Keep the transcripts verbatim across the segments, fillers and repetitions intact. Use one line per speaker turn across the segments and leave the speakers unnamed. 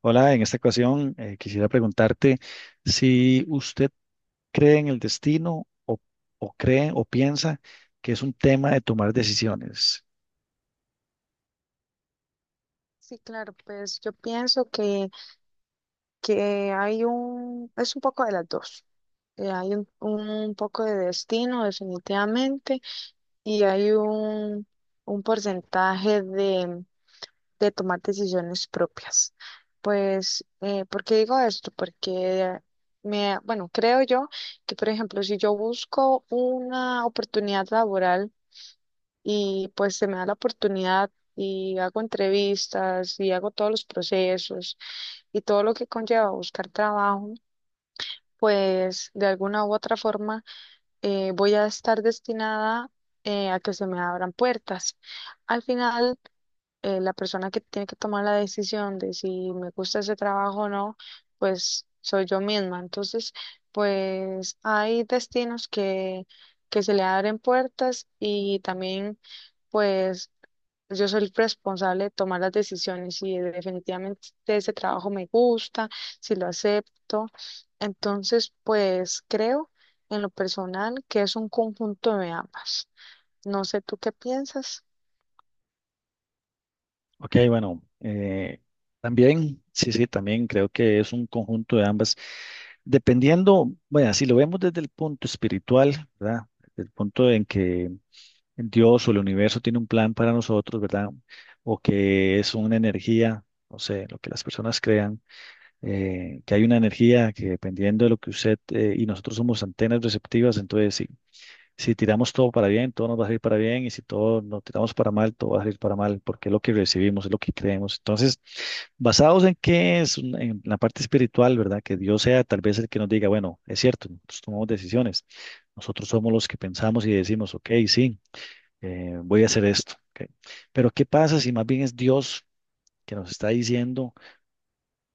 Hola, en esta ocasión eh, quisiera preguntarte si usted cree en el destino o, o cree o piensa que es un tema de tomar decisiones.
Sí, claro, pues yo pienso que, que hay un, es un poco de las dos. Eh, hay un, un poco de destino, definitivamente, y hay un, un porcentaje de, de tomar decisiones propias. Pues, eh, ¿por qué digo esto? Porque me, bueno, creo yo que, por ejemplo, si yo busco una oportunidad laboral, y pues se me da la oportunidad y hago entrevistas y hago todos los procesos y todo lo que conlleva buscar trabajo, pues de alguna u otra forma eh, voy a estar destinada eh, a que se me abran puertas. Al final, eh, la persona que tiene que tomar la decisión de si me gusta ese trabajo o no, pues soy yo misma. Entonces, pues hay destinos que, que se le abren puertas y también... Pues yo soy responsable de tomar las decisiones y definitivamente ese trabajo me gusta, si lo acepto. Entonces, pues creo en lo personal que es un conjunto de ambas. No sé tú qué piensas.
Ok, bueno, eh, también, sí, sí, también creo que es un conjunto de ambas. Dependiendo, bueno, si lo vemos desde el punto espiritual, ¿verdad? Desde el punto en que Dios o el universo tiene un plan para nosotros, ¿verdad? O que es una energía, no sé, lo que las personas crean eh, que hay una energía que dependiendo de lo que usted eh, y nosotros somos antenas receptivas, entonces si, si tiramos todo para bien, todo nos va a salir para bien y si todo nos tiramos para mal, todo va a salir para mal, porque es lo que recibimos, es lo que creemos. Entonces, basados en qué es, Un- en la parte espiritual, ¿verdad? Que Dios sea tal vez el que nos diga, bueno, es cierto, nosotros tomamos decisiones, nosotros somos los que pensamos y decimos, ok, sí, eh, voy a hacer esto. Ok. Pero ¿qué pasa si más bien es Dios que nos está diciendo?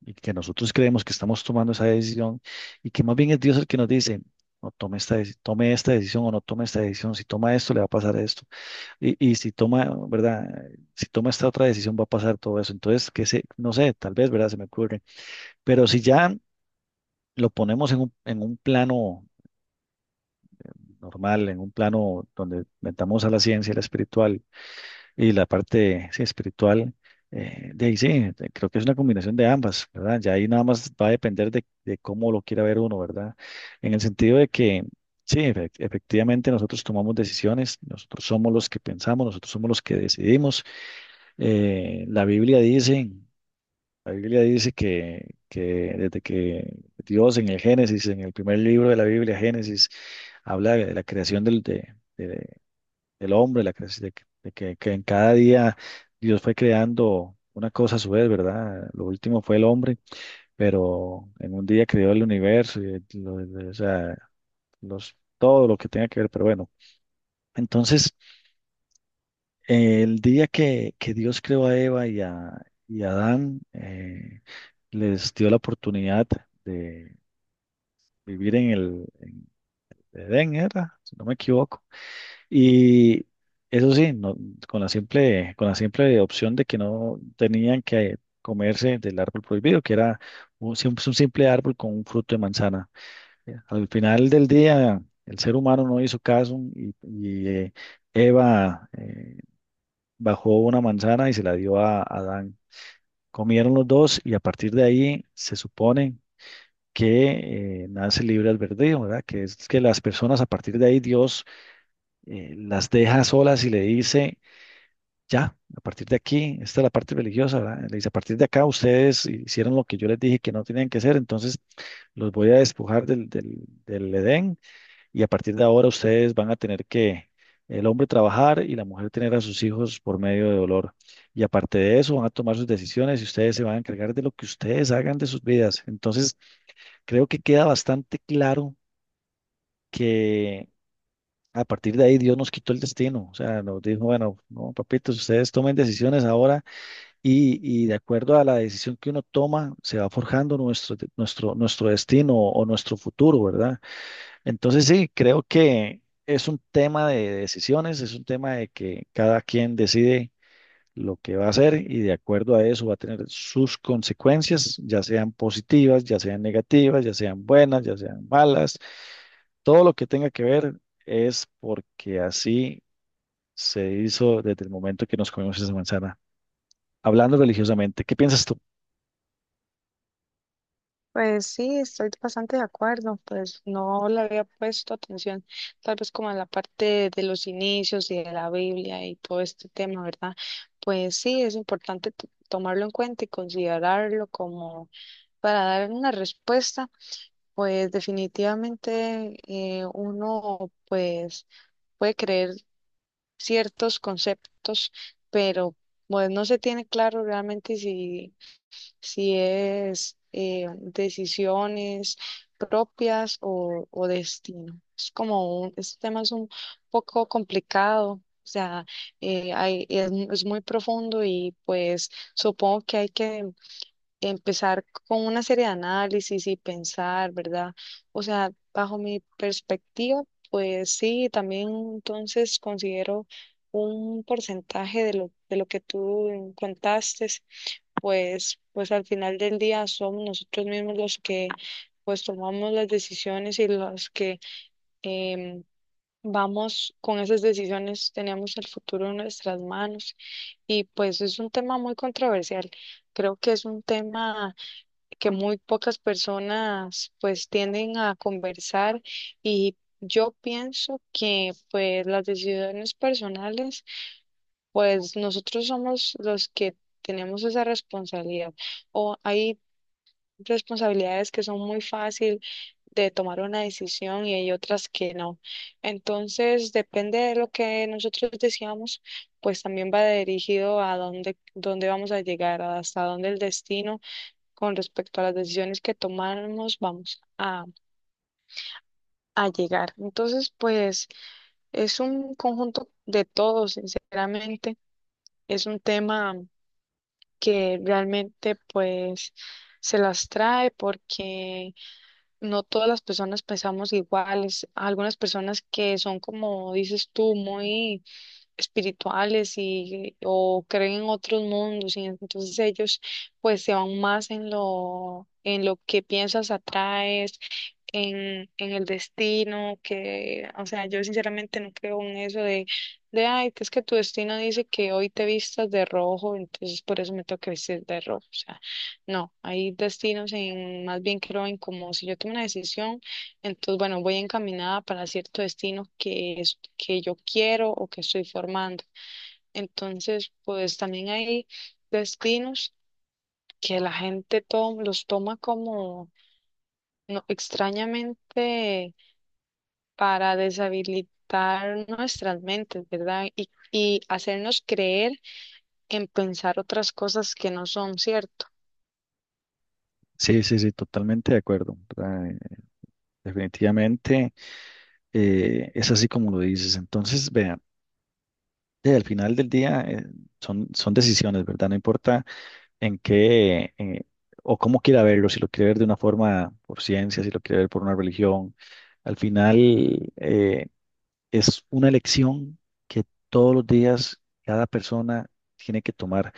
Y que nosotros creemos que estamos tomando esa decisión y que más bien es Dios el que nos dice, no tome esta, deci- tome esta decisión o no tome esta decisión, si toma esto le va a pasar esto y, y si toma, ¿verdad? Si toma esta otra decisión va a pasar todo eso. Entonces, que se, no sé, tal vez, ¿verdad? Se me ocurre, pero si ya lo ponemos en un, en un plano normal, en un plano donde metamos a la ciencia, y la espiritual, y la parte sí, espiritual, eh, de ahí sí, te- creo que es una combinación de ambas, ¿verdad? Ya ahí nada más va a depender de, de cómo lo quiera ver uno, ¿verdad? En el sentido de que, sí, efe- efectivamente nosotros tomamos decisiones, nosotros somos los que pensamos, nosotros somos los que decidimos. Eh, la Biblia dice, la Biblia dice que, que desde que Dios en el Génesis, en el primer libro de la Biblia, Génesis, habla de la creación del, de, de- del hombre, la cre- de, que, de que- que en cada día Dios fue creando una cosa a su vez, ¿verdad? Lo último fue el hombre, pero en un día creó el universo y el- lo- lo- o sea, los, todo lo que tenga que ver, pero bueno. Entonces, eh, el día que, que Dios creó a Eva y a, y a Adán, eh, les dio la oportunidad de vivir en el Edén, ¿era? Si no me equivoco. Y eso sí, no- con la simple, con la simple opción de que no tenían que comerse del árbol prohibido, que era un, sim- un simple árbol con un fruto de manzana. Ya. Al final del día, el ser humano no hizo caso y, y, eh, Eva eh, bajó una manzana y se la dio a Adán. Comieron los dos y a partir de ahí se supone que eh, nace libre albedrío, ¿verdad? Que es que las personas a partir de ahí Dios eh, las deja solas y le dice ya, a partir de aquí, esta es la parte religiosa, ¿verdad? Le dice, a partir de acá ustedes hicieron lo que yo les dije que no tenían que hacer, entonces los voy a despojar del, del, del Edén y a partir de ahora ustedes van a tener que, el hombre trabajar y la mujer tener a sus hijos por medio de dolor. Y aparte de eso, van a tomar sus decisiones y ustedes se van a encargar de lo que ustedes hagan de sus vidas. Entonces, creo que queda bastante claro que... A partir de ahí Dios nos quitó el destino, o sea, nos dijo, bueno, no, papitos, ustedes tomen decisiones ahora y, y de acuerdo a la decisión que uno toma, se va forjando nuestro, de- nuestro, nuestro destino o nuestro futuro, ¿verdad? Entonces sí, creo que es un tema de decisiones, es un tema de que cada quien decide lo que va a hacer y de acuerdo a eso va a tener sus consecuencias, ya sean positivas, ya sean negativas, ya sean buenas, ya sean malas. Todo lo que tenga que ver es porque así se hizo desde el momento que nos comimos esa manzana. Hablando religiosamente, ¿qué piensas tú?
Pues sí, estoy bastante de acuerdo, pues no le había puesto atención, tal vez como en la parte de los inicios y de la Biblia y todo este tema, ¿verdad? Pues sí, es importante t- tomarlo en cuenta y considerarlo como para dar una respuesta. Pues definitivamente eh, uno pues puede creer ciertos conceptos, pero pues no se tiene claro realmente si, si es eh, decisiones propias o, o destino. Es como un, este tema es un poco complicado, o sea, eh, hay- es es muy profundo y pues supongo que hay que empezar con una serie de análisis y pensar, ¿verdad? O sea, bajo mi perspectiva, pues sí, también entonces considero un porcentaje de lo, de lo que tú contaste, pues, pues al final del día somos nosotros mismos los que pues tomamos las decisiones y los que em, vamos con esas decisiones, tenemos el futuro en nuestras manos y pues es un tema muy controversial. Creo que es un tema que muy pocas personas pues tienden a conversar y yo pienso que pues las decisiones personales, pues nosotros somos los que tenemos esa responsabilidad, o hay responsabilidades que son muy fácil de tomar una decisión y hay otras que no. Entonces, depende de lo que nosotros deseamos, pues también va dirigido a dónde, dónde vamos a llegar, hasta dónde el destino con respecto a las decisiones que tomamos vamos a, a llegar. Entonces, pues es un conjunto de todo, sinceramente. Es un tema que realmente pues se las trae porque no todas las personas pensamos iguales. Algunas personas que son, como dices tú, muy espirituales y o creen en otros mundos y entonces ellos pues se van más en lo en lo que piensas atraes en, en el destino que, o sea, yo sinceramente no creo en eso de de ay que es que tu destino dice que hoy te vistas de rojo entonces por eso me toca vestir de rojo, o sea, no hay destinos, en más bien creo en como si yo tomo una decisión entonces, bueno, voy encaminada para cierto destino que es que yo quiero o que estoy formando. Entonces, pues también hay destinos que la gente to- los toma como no, extrañamente, para deshabilitar nuestras mentes, ¿verdad? Y, y hacernos creer en pensar otras cosas que no son cierto.
Sí, sí, sí, totalmente de acuerdo. Eh, definitivamente eh, es así como lo dices. Entonces, vean, eh, al final del día eh, son, son decisiones, ¿verdad? No importa en qué eh, o cómo quiera verlo, si lo quiere ver de una forma por ciencia, si lo quiere ver por una religión. Al final, eh, es una elección que todos los días cada persona tiene que tomar.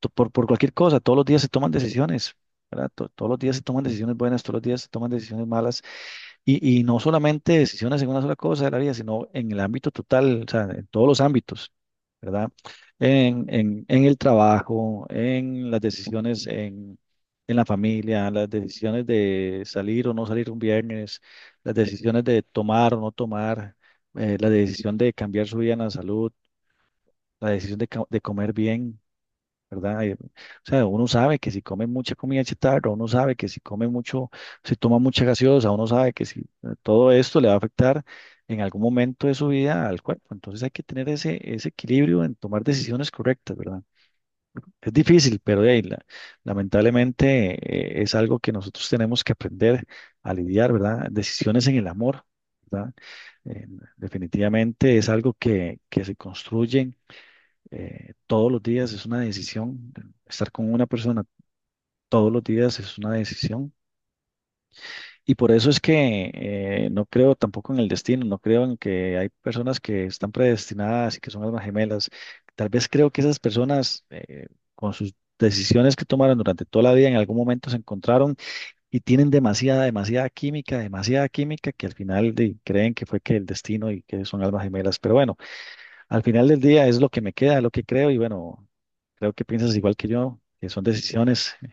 To- Por, por cualquier cosa, todos los días se toman decisiones, ¿verdad? To- todos los días se toman decisiones buenas, todos los días se toman decisiones malas. Y, y no solamente decisiones en una sola cosa de la vida, sino en el ámbito total, o sea, en todos los ámbitos, ¿verdad? En, en, en el trabajo, en las decisiones en, en la familia, las decisiones de salir o no salir un viernes, las decisiones de tomar o no tomar, eh, la decisión de cambiar su vida en la salud, la decisión de, co- de comer bien. ¿Verdad? Eh, o sea, uno sabe que si come mucha comida chatarra, uno sabe que si come mucho, si toma mucha gaseosa, uno sabe que si eh, todo esto le va a afectar en algún momento de su vida al cuerpo. Entonces hay que tener ese, ese equilibrio en tomar decisiones correctas, ¿verdad? Es difícil, pero de ahí, la- lamentablemente eh, es algo que nosotros tenemos que aprender a lidiar, ¿verdad? Decisiones en el amor. ¿Verdad? Eh, definitivamente es algo que, que se construye eh, todos los días es una decisión. Estar con una persona todos los días es una decisión. Y por eso es que eh, no creo tampoco en el destino, no creo en que hay personas que están predestinadas y que son almas gemelas. Tal vez creo que esas personas, eh, con sus decisiones que tomaron durante toda la vida, en algún momento se encontraron y tienen demasiada, demasiada química, demasiada química, que al final de- creen que fue que el destino y que son almas gemelas. Pero bueno. Al final del día es lo que me queda, lo que creo y bueno, creo que piensas igual que yo, que son decisiones eh,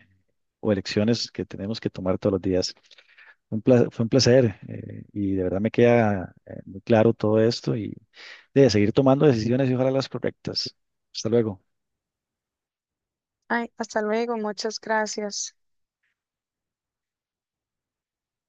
o elecciones que tenemos que tomar todos los días. Un pla- fue un placer eh, y de verdad me queda eh, muy claro todo esto y de seguir tomando decisiones y ojalá las correctas. Hasta luego.
Ay, hasta luego, muchas gracias.